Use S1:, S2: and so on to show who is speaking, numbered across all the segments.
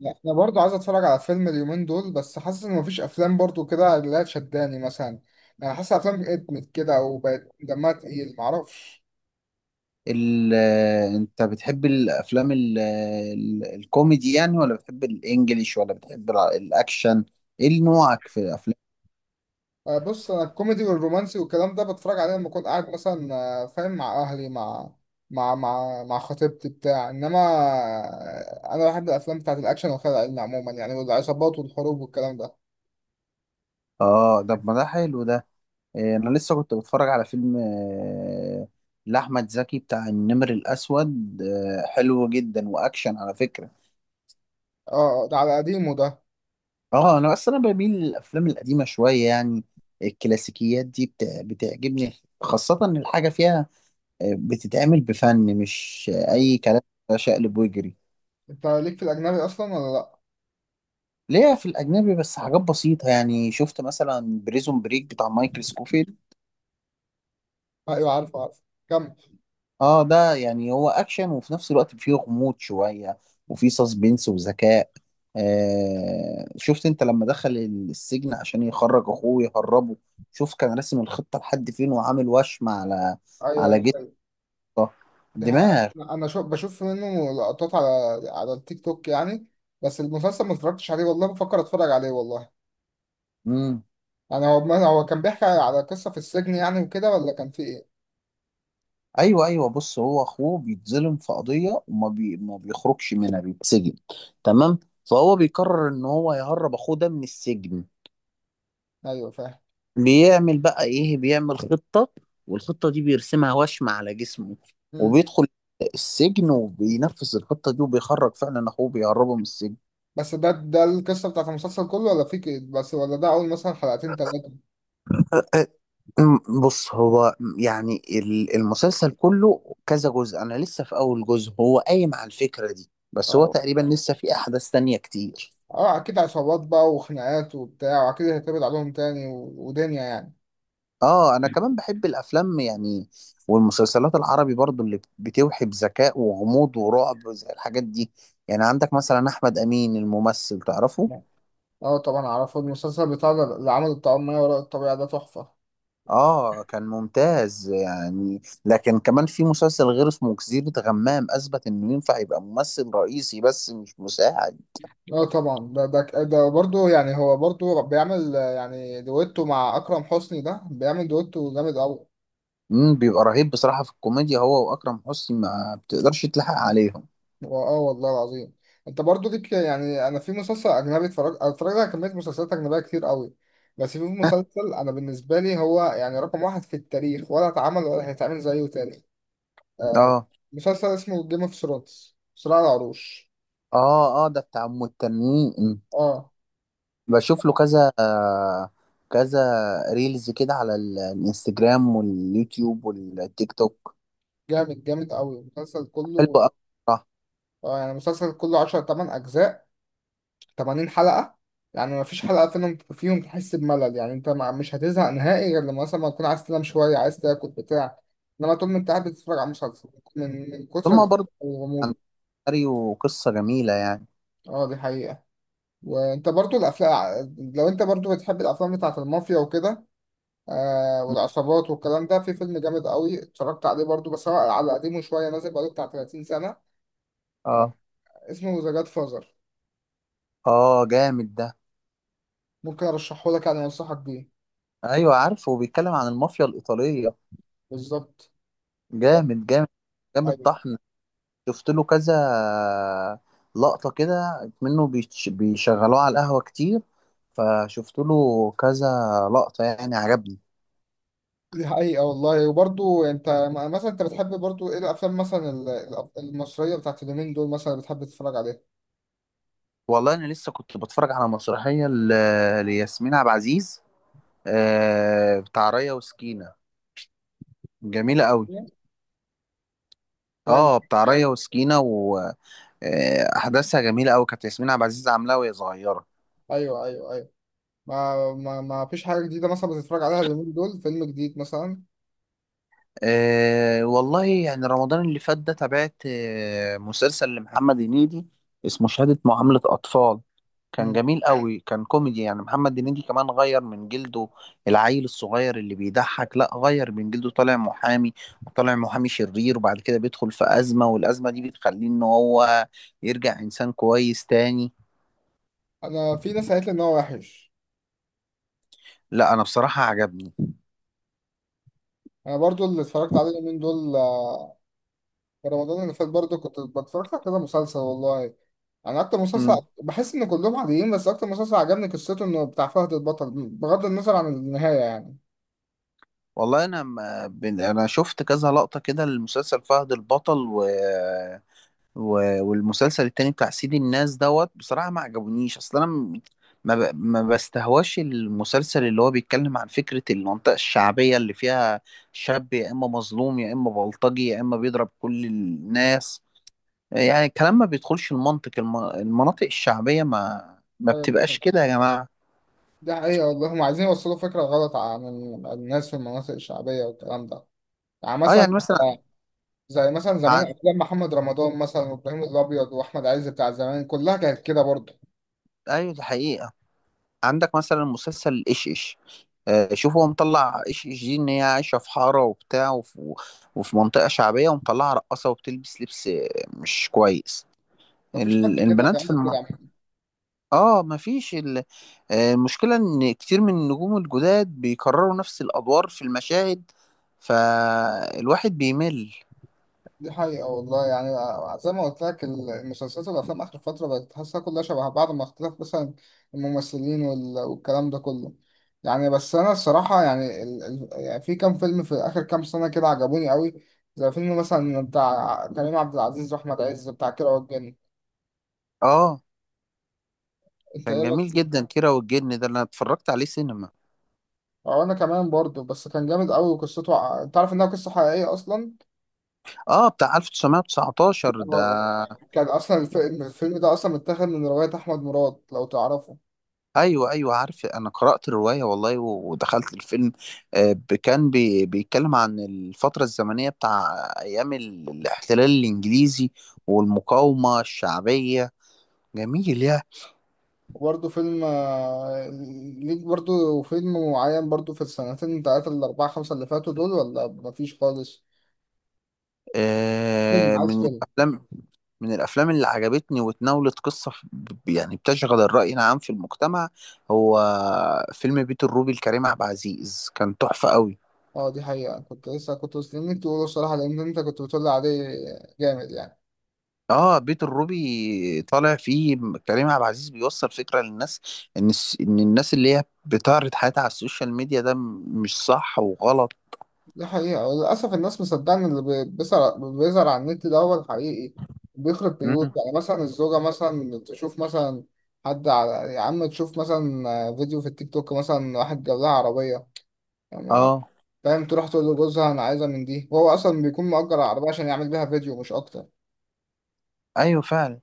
S1: لا انا برضو عايز اتفرج على فيلم اليومين دول، بس حاسس ان مفيش افلام برضو كده اللي هي تشداني مثلا. انا حاسس افلام ادمت كده وبقت دمها تقيل معرفش.
S2: ال انت بتحب الافلام ال ال الكوميدي يعني، ولا بتحب الانجليش، ولا بتحب الاكشن؟ ايه نوعك في الافلام؟
S1: بص انا الكوميدي والرومانسي والكلام ده بتفرج عليه لما اكون قاعد مثلا. فاهم، مع اهلي، مع مع خطيبتي بتاع، انما انا بحب الافلام بتاعت الاكشن والخيال العلمي عموما يعني، والعصابات والحروب والكلام ده.
S2: اه، ده ما ده حلو ده. إيه، انا لسه كنت بتفرج على فيلم لاحمد زكي، بتاع النمر الاسود، حلو جدا واكشن على فكره.
S1: اه ده على قديمه ده.
S2: اه، انا بميل للافلام القديمه شويه يعني. الكلاسيكيات دي بتعجبني، خاصه ان الحاجه فيها بتتعمل بفن، مش
S1: ايوه.
S2: اي كلام شقلب ويجري.
S1: انت ليك في الاجنبي اصلا ولا لا؟
S2: ليا في الأجنبي بس حاجات بسيطة، يعني شفت مثلا بريزون بريك بتاع مايكل سكوفيلد.
S1: ايوه عارف. كمل.
S2: اه، ده يعني هو أكشن، وفي نفس الوقت فيه غموض شوية، وفيه سسبنس وذكاء. شفت انت لما دخل السجن عشان يخرج أخوه يهربه؟ شوف كان راسم الخطة لحد فين، وعامل وشم على جثة
S1: ايوه ده حقيقة.
S2: دماغ.
S1: انا شو بشوف منه لقطات على على التيك توك يعني، بس المسلسل ما اتفرجتش عليه والله، بفكر اتفرج عليه والله.
S2: مم.
S1: يعني هو، ما هو كان بيحكي على قصة في السجن يعني وكده، ولا كان في ايه؟
S2: ايوه، ايوه، بص، هو اخوه بيتظلم في قضيه، وما ما بيخرجش منها، بيتسجن. تمام. فهو بيقرر ان هو يهرب اخوه ده من السجن.
S1: ايوه فاهم.
S2: بيعمل بقى ايه؟ بيعمل خطه، والخطه دي بيرسمها وشم على جسمه،
S1: مم.
S2: وبيدخل السجن، وبينفذ الخطه دي، وبيخرج فعلا اخوه، بيهربه من السجن.
S1: بس ده القصة بتاعت المسلسل كله، ولا في كده بس، ولا ده اول مثلا حلقتين ثلاثة؟
S2: بص، هو يعني المسلسل كله كذا جزء، انا لسه في اول جزء، هو قايم على الفكره دي، بس هو
S1: اه.
S2: تقريبا لسه في احداث تانية كتير.
S1: اه اكيد عصابات بقى وخناقات وبتاع، واكيد هيتقبض عليهم تاني و... ودنيا يعني.
S2: اه، انا كمان بحب الافلام يعني، والمسلسلات العربي برضو اللي بتوحي بذكاء وغموض ورعب زي الحاجات دي. يعني عندك مثلا احمد امين الممثل، تعرفه؟
S1: اه طبعا اعرفه، المسلسل بتاع ده اللي عمل الطعام ما وراء الطبيعة ده تحفة.
S2: اه، كان ممتاز يعني، لكن كمان في مسلسل غير اسمه جزيرة غمام، اثبت انه ينفع يبقى ممثل رئيسي بس مش مساعد.
S1: اه طبعا ده برضه، يعني هو برضه بيعمل، يعني دويتو مع اكرم حسني، ده بيعمل دويتو جامد قوي.
S2: امم، بيبقى رهيب بصراحة في الكوميديا هو واكرم حسني، ما بتقدرش تلحق عليهم.
S1: اه والله العظيم. انت برضه ليك يعني، انا في مسلسل اجنبي اتفرجت على كميه مسلسلات اجنبيه كتير قوي، بس في مسلسل انا بالنسبه لي هو يعني رقم واحد في التاريخ، ولا اتعمل ولا هيتعمل زيه تاني. آه.
S2: اه،
S1: مسلسل اسمه جيم اوف ثرونز، صراع العروش.
S2: اه، اه، ده بتاع ام التنين.
S1: اه
S2: بشوف له كذا كذا ريلز كده على الانستجرام واليوتيوب والتيك توك.
S1: جامد، جامد قوي المسلسل
S2: حلو
S1: كله.
S2: قوي بصراحة.
S1: اه يعني المسلسل كله 10 8 اجزاء، 80 حلقة. يعني ما فيش حلقة فيهم تحس بملل يعني، انت مش هتزهق نهائي، غير لما مثلا ما تكون عايز تنام شوية، عايز تاكل بتاع، انما طول ما انت قاعد بتتفرج على مسلسل، من كتر
S2: ثم برضه عن
S1: الغموض.
S2: ماريو، قصة جميلة يعني.
S1: اه دي حقيقة. وانت برضو الافلام، لو انت برضو بتحب الافلام بتاعت المافيا وكده، والعصابات والكلام ده، في فيلم جامد قوي اتفرجت عليه برضو، بس هو على قديمه شوية، نازل بقاله بتاع 30 سنة،
S2: اه،
S1: اسمه ذا جاد فازر.
S2: اه، جامد ده.
S1: ممكن ارشحه لك يعني، انصحك بيه.
S2: ايوه، عارفه، بيتكلم عن المافيا الإيطالية.
S1: بالظبط.
S2: جامد، جامد، جامد
S1: أيوة.
S2: طحن. شفت له كذا لقطة كده منه، بيشغلوه على القهوة كتير، فشفت له كذا لقطة، يعني عجبني.
S1: دي حقيقة والله. وبرضو انت مثلا انت بتحب برضو ايه الافلام، مثلا المصرية بتاعت اليومين دول، مثلا بتحب تتفرج عليها؟
S2: والله انا لسه كنت بتفرج على مسرحيه لياسمين عبد العزيز، بتاع ريا وسكينه، جميله قوي.
S1: جامد.
S2: اه، بتاع ريا وسكينه، واحداثها جميله قوي، كانت ياسمين عبد العزيز عاملاها وهي صغيره.
S1: ايوه ايوه ايوه. ما فيش حاجة جديدة مثلا بتتفرج عليها اليومين دول، فيلم جديد مثلا؟
S2: أه، والله يعني رمضان اللي فات ده تابعت مسلسل لمحمد هنيدي، اسمه شهادة معاملة أطفال. كان
S1: مم.
S2: جميل قوي، كان كوميدي، يعني محمد هنيدي كمان غير من جلده. العيل الصغير اللي بيضحك، لا، غير من جلده، طالع محامي، وطالع محامي شرير، وبعد كده بيدخل في أزمة، والأزمة دي بتخليه إن هو يرجع إنسان كويس تاني.
S1: انا في ناس قالت لي ان هو وحش.
S2: لا، أنا بصراحة عجبني.
S1: انا برضو اللي اتفرجت عليه اليومين دول، في رمضان اللي فات برضو كنت بتفرج على كده مسلسل والله. انا اكتر مسلسل
S2: مم.
S1: بحس ان كلهم عاديين، بس اكتر مسلسل عجبني قصته انه بتاع فهد البطل، بغض النظر عن النهاية
S2: والله أنا ما- بن- أنا شفت كذا لقطة كده للمسلسل فهد البطل، والمسلسل التاني بتاع سيد الناس دوت، بصراحة ما عجبونيش، اصل انا ما ما بستهواش المسلسل اللي هو بيتكلم عن فكرة المنطقة الشعبية، اللي فيها شاب يا اما مظلوم، يا اما بلطجي، يا اما بيضرب كل الناس. يعني الكلام ما بيدخلش المنطق، المناطق الشعبية ما ما
S1: يعني.
S2: بتبقاش كده يا جماعة.
S1: ده حقيقة والله، هم عايزين يوصلوا فكرة غلط عن عن الناس في المناطق الشعبية والكلام ده. يعني
S2: اه،
S1: مثلا
S2: يعني مثلا
S1: زي مثلا زمان
S2: عن...
S1: أفلام محمد رمضان مثلا، وإبراهيم الأبيض وأحمد عز بتاع زمان، كلها كانت كده برضه.
S2: ايوه ده حقيقة. عندك مثلا مسلسل ايش ايش، شوف، هو مطلع ايش ايش دي ان هي عايشه في حاره وبتاع، وفي منطقه شعبيه، ومطلعها رقاصه، وبتلبس لبس مش كويس.
S1: مفيش حد كده
S2: البنات في
S1: بيعمل كده.
S2: اه، مفيش المشكله ان كتير من النجوم الجداد بيكرروا نفس الادوار في المشاهد، فالواحد بيمل.
S1: دي حقيقة والله يعني. زي ما قلت لك، المسلسلات والأفلام آخر فترة بقت تحسها كلها شبه بعض، مع اختلاف مثلا الممثلين والكلام ده كله. يعني بس أنا الصراحة يعني، يعني في كام فيلم في آخر كام سنة كده عجبوني قوي، زي فيلم مثلا بتاع كريم عبد العزيز وأحمد عز، بتاع كيرة والجن.
S2: اه،
S1: أنت إيه
S2: كان
S1: رأيك
S2: جميل
S1: فيه؟
S2: جدا كيرة والجن ده، انا اتفرجت عليه سينما.
S1: أو أنا كمان برضه، بس كان جامد قوي، وقصته أنت عارف إنها قصة حقيقية أصلا.
S2: اه، بتاع 1919
S1: هو-
S2: ده.
S1: هو- كان أصلا الفيلم ده أصلا متاخد من رواية أحمد مراد لو تعرفه.
S2: ايوه، ايوه، عارف، انا قرأت الرواية والله، ودخلت الفيلم. كان بيتكلم عن الفترة الزمنية بتاع ايام الاحتلال الانجليزي والمقاومة الشعبية. جميل. يا
S1: وبرضه فيلم، ليك برضه فيلم معين برضه في السنتين تلاتة الأربعة خمسة اللي فاتوا دول، ولا مفيش خالص؟ فيلم،
S2: آه،
S1: عايز
S2: من
S1: فيلم.
S2: الافلام من الافلام اللي عجبتني وتناولت قصة يعني بتشغل الرأي العام في المجتمع، هو فيلم بيت الروبي لكريم عبد العزيز، كان تحفة قوي.
S1: اه دي حقيقة، كنت لسه كنت مستنيك تقوله الصراحة، لأن أنت كنت بتقولي عليه جامد يعني.
S2: اه، بيت الروبي طالع فيه كريم عبد العزيز بيوصل فكرة للناس، ان الناس اللي هي بتعرض حياتها على السوشيال ميديا ده مش صح وغلط.
S1: دي حقيقة وللأسف الناس مصدقة إن اللي بيظهر، بيظهر على النت ده هو الحقيقي. بيخرب بيوت
S2: مم.
S1: يعني، مثلا الزوجة مثلا تشوف مثلا حد على، يا عم تشوف مثلا فيديو في التيك توك، مثلا واحد جاب لها عربية. ما
S2: اه،
S1: فاهم، تروح تقول لجوزها انا عايزه من دي، وهو اصلا بيكون مأجر العربيه عشان يعمل بيها فيديو مش اكتر
S2: ايوه فعلا.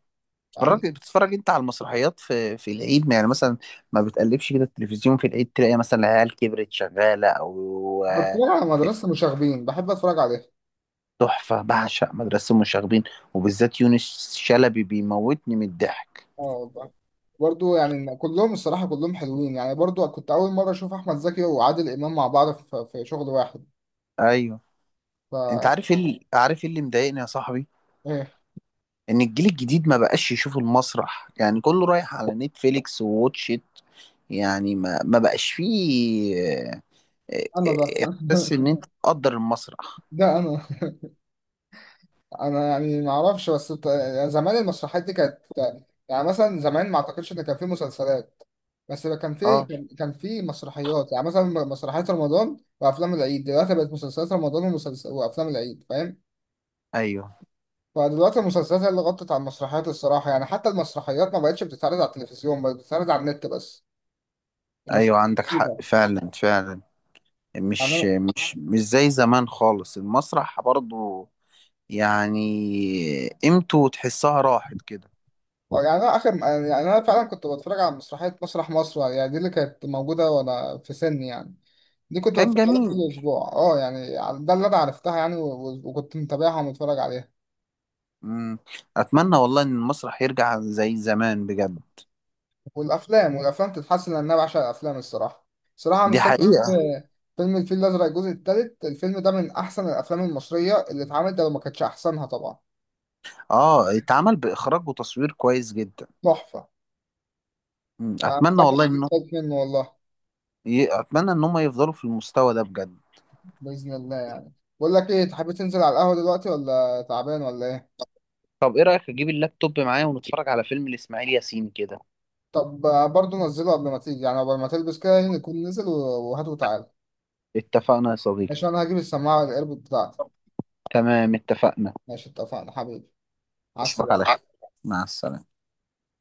S1: يعني.
S2: بتتفرج انت على المسرحيات في العيد يعني، مثلا ما بتقلبش كده التلفزيون في العيد، تلاقي مثلا العيال كبرت شغالة، او
S1: بتفرج على مدرسه مشاغبين، بحب اتفرج عليها.
S2: تحفة، بعشق مدرسة المشاغبين، وبالذات يونس شلبي بيموتني من الضحك.
S1: اه والله. برضو يعني كلهم الصراحه كلهم حلوين يعني، برضو كنت اول مره اشوف احمد زكي وعادل امام مع بعض في في شغل واحد،
S2: ايوه.
S1: ف...
S2: انت عارف ايه اللي مضايقني يا صاحبي؟
S1: ايه؟
S2: ان الجيل الجديد ما بقاش يشوف المسرح، يعني كله رايح على نتفليكس وواتشيت، يعني ما بقاش فيه آه،
S1: انا ده
S2: آه، احساس ان انت تقدر المسرح.
S1: ده انا، انا يعني ما اعرفش، بس يعني زمان المسرحيات دي كانت، يعني مثلا زمان ما اعتقدش ان كان في مسلسلات، بس بقى كان في،
S2: اه،
S1: كان في مسرحيات، يعني مثلا مسرحيات رمضان وافلام العيد، دلوقتي بقت مسلسلات رمضان وافلام العيد فاهم.
S2: ايوه،
S1: فدلوقتي المسلسلات هي اللي غطت على المسرحيات الصراحه، يعني حتى المسرحيات ما بقتش بتتعرض على التلفزيون، بقت بتتعرض على النت بس،
S2: ايوه،
S1: المسرحيات
S2: عندك حق
S1: كده.
S2: فعلا، فعلا.
S1: يعني انا،
S2: مش زي زمان خالص المسرح برضو، يعني قيمته تحسها راحت كده.
S1: يعني انا اخر، يعني انا فعلا كنت بتفرج على مسرحيه مسرح مصر، يعني دي اللي كانت موجوده وانا في سني يعني، دي كنت
S2: كان
S1: بتفرج عليها
S2: جميل.
S1: كل اسبوع اه يعني، ده اللي انا عرفتها يعني، وكنت متابعها ومتفرج عليها.
S2: مم. اتمنى والله ان المسرح يرجع زي زمان بجد.
S1: والافلام، والافلام تتحسن، لان انا بعشق الافلام الصراحه. صراحه أنا
S2: دي
S1: مستني
S2: حقيقة.
S1: فيلم، فيلم الفيل الازرق الجزء الثالث. الفيلم ده من احسن الافلام المصريه اللي اتعملت، ده لو ما كانتش احسنها طبعا.
S2: اه، اتعمل باخراج وتصوير كويس جدا.
S1: تحفه.
S2: مم.
S1: انا
S2: اتمنى
S1: مستني
S2: والله
S1: الجزء
S2: ان
S1: الثالث منه والله.
S2: ي- اتمنى ان هم يفضلوا في المستوى ده بجد.
S1: باذن الله يعني. بقول لك ايه، تحب تنزل على القهوه دلوقتي، ولا تعبان ولا ايه؟
S2: طب ايه رايك اجيب اللابتوب معايا ونتفرج على فيلم لاسماعيل ياسين كده؟
S1: طب برضه نزله قبل ما تيجي، يعني قبل ما تلبس كده يعني، نكون نزل و... وهات وتعال.
S2: اتفقنا يا صديقي.
S1: ماشي، انا هجيب السماعه الايربود بتاعتي.
S2: تمام، اتفقنا.
S1: ماشي، اتفقنا حبيبي، على
S2: اشوفك على
S1: السلامه.
S2: خير. مع السلامه.